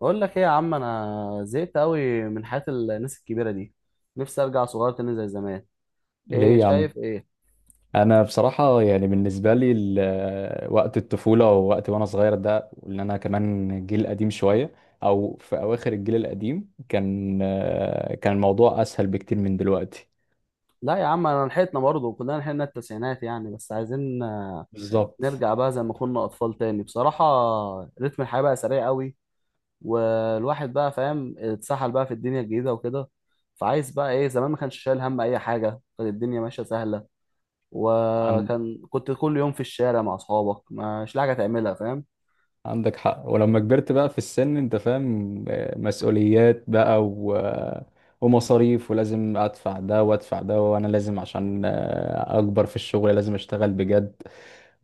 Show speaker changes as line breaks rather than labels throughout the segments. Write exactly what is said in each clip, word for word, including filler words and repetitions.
بقول لك ايه يا عم، انا زهقت قوي من حياة الناس الكبيرة دي. نفسي ارجع صغير تاني زي زمان. ايه
ليه يا عم؟
شايف ايه؟
انا بصراحه يعني بالنسبه لي ال- وقت الطفوله ووقت وانا صغير ده اللي انا كمان جيل قديم شويه، او في اواخر الجيل القديم. كان كان الموضوع اسهل بكتير من دلوقتي.
لا يا عم، انا لحقتنا برضه، كلنا لحقنا التسعينات يعني، بس عايزين آه،
بالظبط.
نرجع بقى زي ما كنا اطفال تاني بصراحة. رتم الحياة بقى سريع قوي، والواحد بقى فاهم اتسحل بقى في الدنيا الجديدة وكده. فعايز بقى ايه، زمان ما كانش شايل هم اي حاجة، كانت الدنيا ماشية سهلة.
عن
وكان كنت كل يوم في الشارع مع اصحابك مش لاقي حاجة تعملها، فاهم.
عندك حق. ولما كبرت بقى في السن انت فاهم، مسؤوليات بقى و... ومصاريف، ولازم ادفع ده وادفع ده، وانا لازم عشان اكبر في الشغل لازم اشتغل بجد،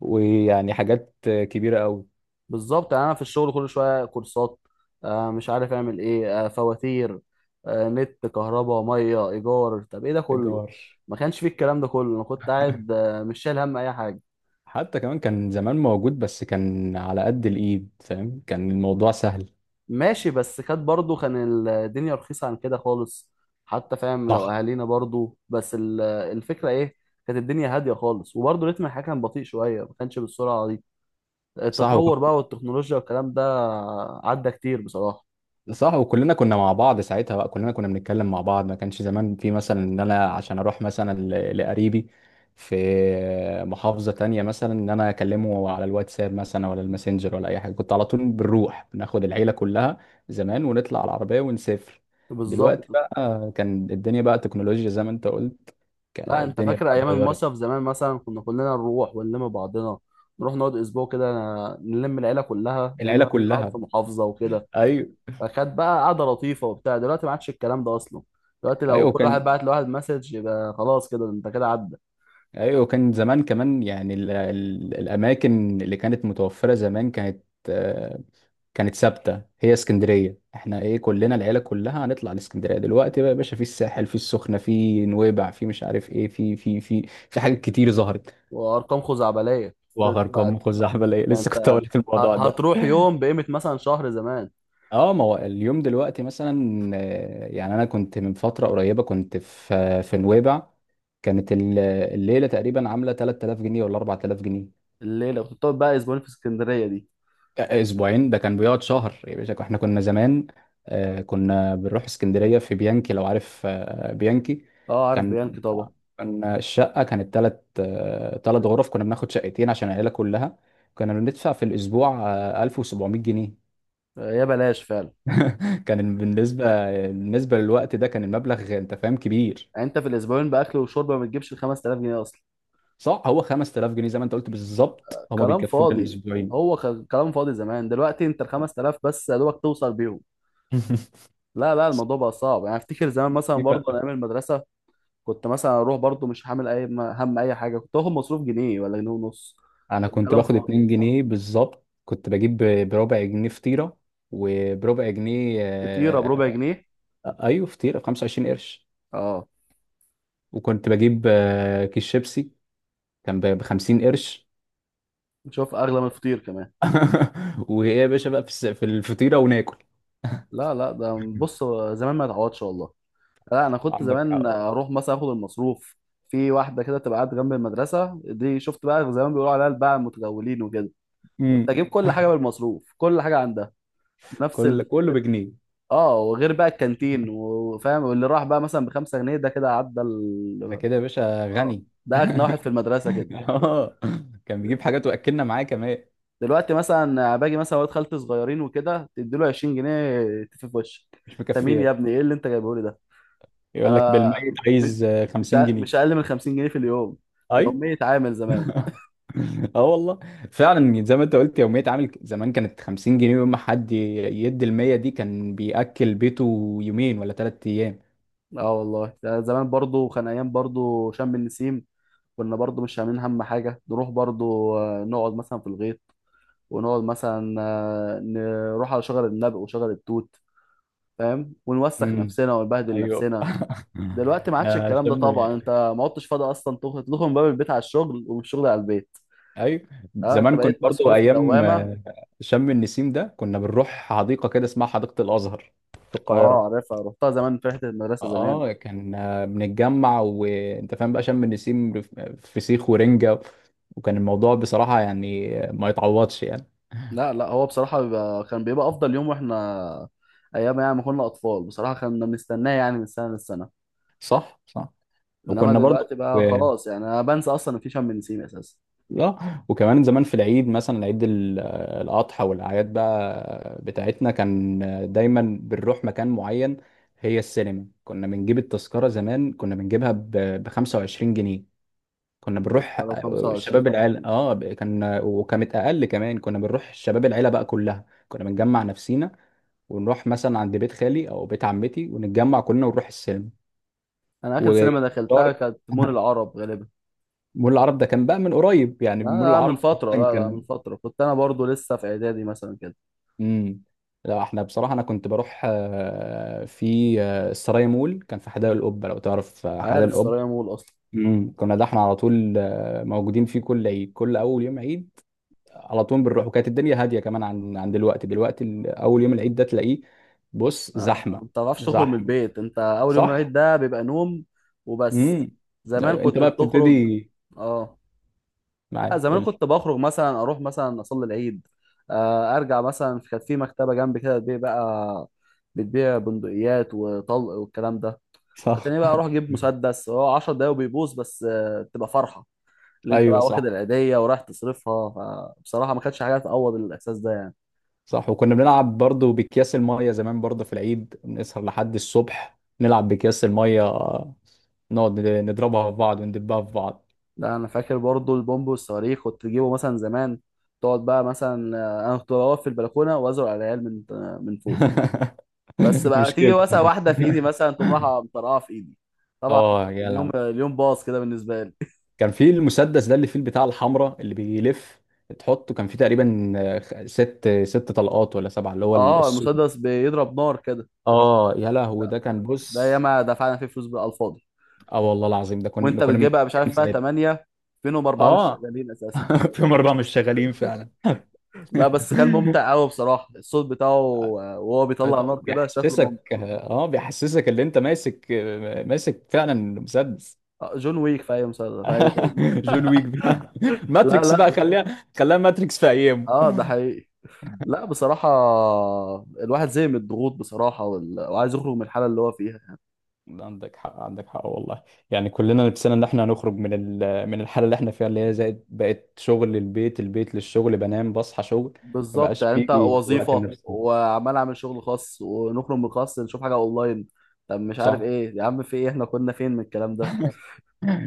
ويعني حاجات كبيرة قوي.
بالظبط، يعني انا في الشغل كل شويه كورسات، آه مش عارف اعمل ايه، آه فواتير، آه نت، كهرباء، ميه، ايجار. طب ايه ده كله؟
ايجار.
ما كانش فيه الكلام ده كله، انا كنت قاعد آه مش شايل هم اي حاجه.
حتى كمان كان زمان موجود، بس كان على قد الايد، فاهم؟ كان الموضوع سهل.
ماشي، بس كانت برضو كان الدنيا رخيصه عن كده خالص، حتى فاهم لو
صح،
اهالينا برضو، بس ال- الفكره ايه، كانت الدنيا هاديه خالص، وبرضو رتم الحياه كان بطيء شويه، ما كانش بالسرعه دي.
صح. وك...
التطور بقى والتكنولوجيا والكلام ده عدى كتير بصراحه.
صح، وكلنا كنا مع بعض ساعتها، بقى كلنا كنا بنتكلم مع بعض. ما كانش زمان في مثلا ان انا عشان اروح مثلا ل- لقريبي في محافظة تانية، مثلا ان انا اكلمه على الواتساب مثلا ولا الماسنجر ولا اي حاجة. كنت على طول بنروح، بناخد العيلة كلها زمان ونطلع على العربية ونسافر. دلوقتي
بالظبط.
بقى كان الدنيا بقى تكنولوجيا زي ما انت قلت. ك-
لا انت
الدنيا
فاكر
بقى
ايام المصيف
اتغيرت.
زمان، مثلا كنا كلنا نروح ونلم بعضنا، نروح نقعد اسبوع كده، نلم العيله كلها لان
العيله
كل واحد
كلها.
في محافظه وكده.
ايوه.
فكانت بقى قعده لطيفه وبتاع، دلوقتي ما عادش الكلام ده اصلا. دلوقتي لو
ايوه
كل واحد
كان.
بعت لواحد مسج يبقى خلاص، كده انت كده عدى.
ايوه كان زمان كمان يعني ال ال الاماكن اللي كانت متوفره زمان كانت آه، كانت ثابته. هي اسكندريه، احنا ايه، كلنا العيله كلها هنطلع الاسكندريه. دلوقتي بقى يا باشا، في الساحل، في السخنه، في نويبع، في مش عارف ايه، في في في في حاجات كتير ظهرت.
وارقام خزعبليه.
وغرقان
بتاعت-
مخ احبل ايه.
ده
لسه
انت
كنت هقول لك
ه-
الموضوع ده.
هتروح يوم بقيمه مثلا شهر زمان.
اه، ما هو اليوم دلوقتي مثلا، آه، يعني انا كنت من فتره قريبه كنت في في نويبع. كانت ال- الليله تقريبا عامله تلت تلاف جنيه ولا اربع تلاف جنيه.
الليله كنت بتقعد بقى اسبوعين في اسكندريه دي.
آه، اسبوعين ده كان بيقعد شهر يا باشا. احنا كنا زمان، آه، كنا بنروح اسكندريه في بيانكي، لو عارف آه، بيانكي.
اه عارف
كان
بيانكي طبعا.
كان الشقه كانت ثلاث ثلاث غرف، كنا بناخد شقتين عشان العيله كلها. كنا بندفع في الاسبوع آه، الف وسبعمية جنيه.
آه، يا بلاش فعلا.
كان بالنسبه بالنسبه للوقت ده كان المبلغ انت فاهم كبير.
يعني انت في الاسبوعين باكل وشرب ما بتجيبش ال خمسة آلاف جنيه اصلا.
صح، هو خمسة آلاف جنيه زي ما انت قلت بالظبط، هما
كلام
بيكفونا
فاضي.
الاسبوعين.
هو كان كلام فاضي زمان، دلوقتي انت ال خمسة آلاف بس يا دوبك توصل بيهم. لا لا، الموضوع بقى صعب يعني. افتكر زمان مثلا برضه ايام المدرسه كنت مثلا اروح برضه مش حامل اي هم اي حاجه، كنت واخد مصروف جنيه ولا جنيه ونص.
انا كنت
الكلام
باخد
فاضي.
اتنين جنيه بالظبط. كنت بجيب ب- بربع جنيه فطيره، وبربع جنيه
فطيره
آه،
بربع جنيه.
ايوه، فطيره ب 25 قرش.
اه.
وكنت بجيب آه، كيس شيبسي كان ب 50 قرش.
شوف اغلى من الفطير كمان.
وايه يا باشا بقى في الس- في الفطيره وناكل.
لا لا، ده بص، زمان ما يتعوضش والله. لا انا كنت
عندك
زمان
حق.
اروح مثلا اخد المصروف في واحده كده تبقى قاعده جنب المدرسه دي، شفت بقى زمان بيقولوا عليها الباعة المتجولين وكده.
امم.
كنت اجيب كل حاجه بالمصروف، كل حاجه عندها نفس
كل
ال...
كله بجنيه.
اه، وغير بقى الكانتين وفاهم، واللي راح بقى مثلا بخمسة جنيه ده كده عدى
ده
ال...
كده يا باشا
اه.
غني.
ده اغنى واحد في المدرسه كده.
اه، كان بيجيب حاجات واكلنا معاه كمان.
دلوقتي مثلا باجي مثلا ولاد خالتي صغيرين وكده تديله عشرين جنيه تفي في وشك.
مش
انت مين يا
مكفياه.
ابني؟ ايه اللي انت جايبه لي ده؟
يقول
انا
لك بالميت
م-
عايز آه،
مش
50
أ-
جنيه
مش اقل من خمسين جنيه في اليوم.
ايوه.
يوميه عامل زمان.
اه والله، فعلا زي ما انت قلت، يوميه عامل ك- زمان كانت خمسين جنيه، يوم ما حد ي- يدي ال مية دي كان بياكل بيته يومين ولا ثلاث ايام.
اه والله. ده زمان برضو كان ايام، برضو شم النسيم كنا برضو مش عاملين هم حاجه، نروح برضو آه، نقعد مثلا في الغيط، ونقعد مثلا آه، نروح على شجر النبق وشجر التوت، فاهم، ونوسخ
امم.
نفسنا ونبهدل
ايوه.
نفسنا. دلوقتي ما عادش
احنا
الكلام ده
شم.
طبعا، انت ما عدتش فاضي اصلا، تخرج تخرج من باب البيت على الشغل ومن الشغل على البيت.
ايوه،
اه انت
زمان
بقيت
كنت برضو
مسحول في
ايام
دوامه.
آه، شم النسيم ده كنا بنروح حديقه كده اسمها حديقه الازهر في
اه
القاهره.
عارفها، رحتها زمان في رحله المدرسه زمان.
اه، كان آه، بنتجمع، وانت فاهم، بقى شم النسيم رف- فسيخ ورنجه. وكان الموضوع بصراحه يعني آه، ما يتعوضش يعني.
لا لا، هو بصراحه بيبقى كان بيبقى افضل يوم، واحنا ايام يعني ما كنا اطفال بصراحه كنا بنستناه يعني من سنه للسنه.
صح، صح.
انما
وكنا برضو
دلوقتي
و...
بقى خلاص، يعني انا بنسى اصلا ان في شم نسيم اساسا.
اه، وكمان زمان في العيد مثلا، عيد ال- آه، الاضحى، والاعياد بقى بتاعتنا كان دايما بنروح مكان معين. هي السينما، كنا بنجيب التذكره، زمان كنا بنجيبها ب خمسة وعشرين جنيه. كنا بنروح
التذكره ب
آه، شباب
خمسة وعشرين.
العيله، اه ب- كان وكانت اقل كمان. كنا بنروح شباب العيله بقى كلها، كنا بنجمع نفسينا ونروح مثلا عند بيت خالي او بيت عمتي، ونتجمع كلنا ونروح السينما.
انا اخر سينما دخلتها
وفطار.
كانت مول العرب غالبا.
مول العرب ده كان بقى من قريب، يعني
لا
مول
لا من
العرب
فتره،
اصلا
لا لا من
كان.
فتره، كنت انا برضو لسه في اعدادي مثلا كده.
امم. لا، احنا بصراحه انا كنت بروح آه، في آه، السراي مول. كان في حدائق القبه، لو تعرف آه، حدائق
عارف
القبه.
السرايا مول اصلا.
امم كنا ده احنا على طول آه، موجودين فيه كل عيد، كل اول يوم عيد على طول بنروح. وكانت الدنيا هاديه كمان عن عن دلوقتي. دلوقتي ال- اول يوم العيد ده تلاقيه بص
آه،
زحمه.
ما بتعرفش تخرج من
زحمه.
البيت، انت اول يوم العيد
صح.
ده بيبقى نوم وبس.
امم.
زمان
ايوه، انت
كنت
بقى
بتخرج.
بتبتدي
اه. لا
معاك،
زمان
قول لي.
كنت بخرج مثلا، اروح مثلا اصلي العيد، آه، ارجع مثلا، كانت في مكتبه جنبي كده بتبيع بقى، بتبيع بندقيات وطلق والكلام ده.
صح.
هتلاقيني بقى اروح اجيب مسدس هو 10 دقايق وبيبوظ، بس آه، بتبقى فرحه اللي انت
ايوه،
بقى واخد
صح.
العيدية ورايح تصرفها. فبصراحة ما كانتش حاجة تعوض الإحساس ده يعني.
صح، وكنا بنلعب برضو باكياس المية زمان برضو في العيد، نسهر لحد الصبح نلعب باكياس المية، نقعد نضربها في بعض وندبها في بعض.
لا أنا فاكر برضو البومب والصواريخ كنت تجيبه مثلا زمان، تقعد بقى مثلا آه، أنا كنت واقف في البلكونة وأزرع على العيال من آه، من فوق. بس بقى تيجي
مشكلة.
مثلا واحدة في إيدي مثلا تقوم رايحة مطرقعة في إيدي، طبعا.
اه يا
اليوم
لا.
اليوم باظ كده بالنسبة لي.
كان في المسدس ده اللي فيه البتاع الحمراء اللي بيلف تحطه، كان فيه تقريبا آه، ست ست طلقات ولا سبعة، اللي هو
اه،
السود.
المسدس بيضرب نار كده.
اه يا لهوي،
لا
ده كان
ده, ده
بص.
ياما دفعنا فيه فلوس بالألفاضي.
اه والله العظيم، ده
وأنت
كنا كنا من
بتجيبها مش عارف
كام
فيها
ساعتها.
ثمانية فينهم أربعة مش
اه.
شغالين.
في مرة مش شغالين فعلا.
لا بس كان ممتع قوي بصراحه الصوت بتاعه. آه، وهو
أي
بيطلع
طبعا،
نار كده شكله
بيحسسك
ممتع.
اه بيحسسك اللي انت ماسك ماسك فعلا مسدس.
آه، جون ويك في اي مسلسل، في اي فيلم.
جون ويك بقى.
لا
ماتريكس
لا.
بقى، خليها خليها ماتريكس في ايامه.
اه ده حقيقي. لا بصراحه، الواحد زي من الضغوط بصراحه، وال... وعايز يخرج من الحاله اللي هو فيها.
عندك حق، عندك حق والله. يعني كلنا نفسنا ان احنا هنخرج من ال- من الحاله اللي احنا فيها، اللي هي زائد بقت شغل للبيت، البيت للشغل، بنام، بصحى شغل. ما
بالظبط،
بقاش
يعني انت
فيه وقت
وظيفه
لنفسنا.
وعمال اعمل شغل خاص، ونخرج من الخاص نشوف حاجه اونلاين. طب مش عارف
صح.
ايه يا عم، في ايه، احنا كنا فين من الكلام ده؟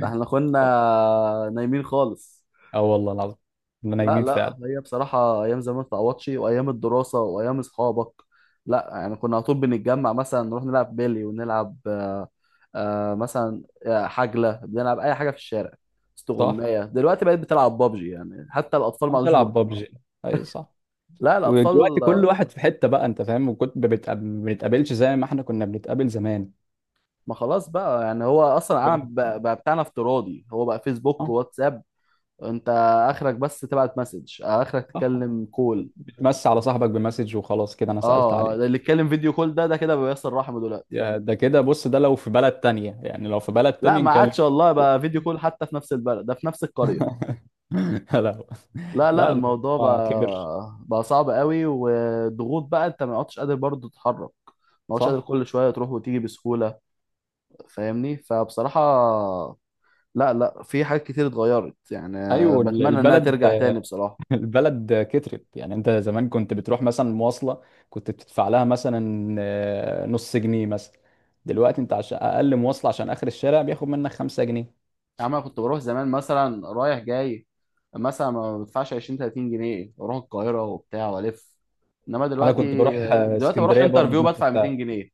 احنا كنا نايمين خالص.
اه والله العظيم، احنا
لا
نايمين
لا،
فعلا.
هي بصراحة أيام زمان ما تتعوضش، وأيام الدراسة وأيام أصحابك. لا يعني كنا على طول بنتجمع مثلا نروح نلعب بيلي، ونلعب آه، آه، مثلا آه، حجلة، بنلعب أي حاجة في الشارع،
صح.
استغماية. دلوقتي بقيت بتلعب بابجي، يعني حتى الأطفال ما
عم
عادوش بي-
تلعب ببجي. ايوه، صح.
لا
ودلوقتي
الأطفال
كل
آه،
واحد في حتة بقى انت فاهم، وكنت ما بتقاب- ما بنتقابلش زي ما احنا كنا بنتقابل زمان.
ما خلاص بقى. يعني هو أصلا
كل واحد
العالم
في
بقى
حاله.
بقى بتاعنا افتراضي، هو بقى فيسبوك
اه.
وواتساب. أنت آخرك بس تبعت مسج، آخرك
صح.
تتكلم كول.
بتمسي على صاحبك بمسج وخلاص، كده انا
اه،
سألت
آه،
عليه.
اللي يتكلم فيديو كول ده، ده كده بيصل رحمه دلوقتي.
يا ده كده بص، ده لو في بلد تانية، يعني لو في بلد
لا
تانية
ما
نكلم.
عادش والله بقى فيديو كول حتى في نفس البلد، ده في نفس القرية.
لا،
لا لا،
لا،
الموضوع
الموضوع كبر.
بقى بقى صعب قوي، وضغوط بقى، انت ما عدتش قادر برضه تتحرك، ما عدتش قادر
صح.
كل شوية تروح وتيجي بسهولة، فاهمني. فبصراحة لا لا، في حاجات كتير اتغيرت يعني.
ايوه
بتمنى انها
البلد.
ترجع تاني بصراحة.
البلد كترت. يعني انت زمان كنت بتروح مثلا مواصلة، كنت بتدفع لها مثلا آه، نص جنيه مثلا. دلوقتي انت عشان اقل مواصلة، عشان اخر الشارع بياخد منك خمسة جنيه.
يعني انا كنت بروح زمان مثلا رايح جاي، مثلا ما بدفعش عشرين تلاتين جنيه، بروح القاهرة وبتاع والف. انما
انا
دلوقتي،
كنت بروح آه،
دلوقتي بروح
اسكندرية برضه
انترفيو
بنفس
بدفع
السعر.
ميتين جنيه،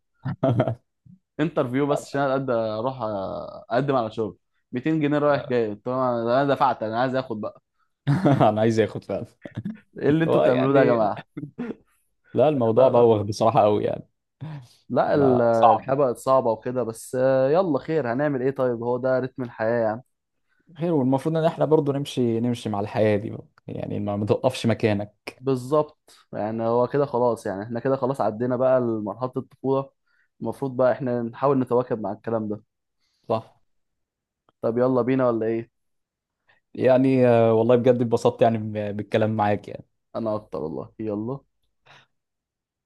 انترفيو بس عشان اقدر اروح اقدم على شغل. ميتين جنيه رايح جاي، طب انا أنا دفعت، انا عايز اخد بقى.
انا عايز اخد فعلا.
ايه اللي انتوا
هو
بتعملوه ده يا
يعني
جماعه؟
لا،
لا
الموضوع
لا لا،
بوخ بصراحة قوي يعني.
لا ال-
بقى
الحياه
صعب.
بقت صعبه وكده، بس آه، يلا خير، هنعمل ايه، طيب هو ده رتم الحياه يعني.
خير، والمفروض ان احنا برضو نمشي نمشي مع الحياة دي بقى. يعني ما ما توقفش مكانك.
بالظبط، يعني هو كده خلاص، يعني احنا كده خلاص عدينا بقى لمرحله الطفوله، المفروض بقى احنا نحاول نتواكب مع الكلام ده.
صح.
طب يلا بينا ولا ايه؟
يعني آه، والله بجد اتبسطت، يعني ب- بالكلام معاك يعني.
انا اكتر والله، يلا.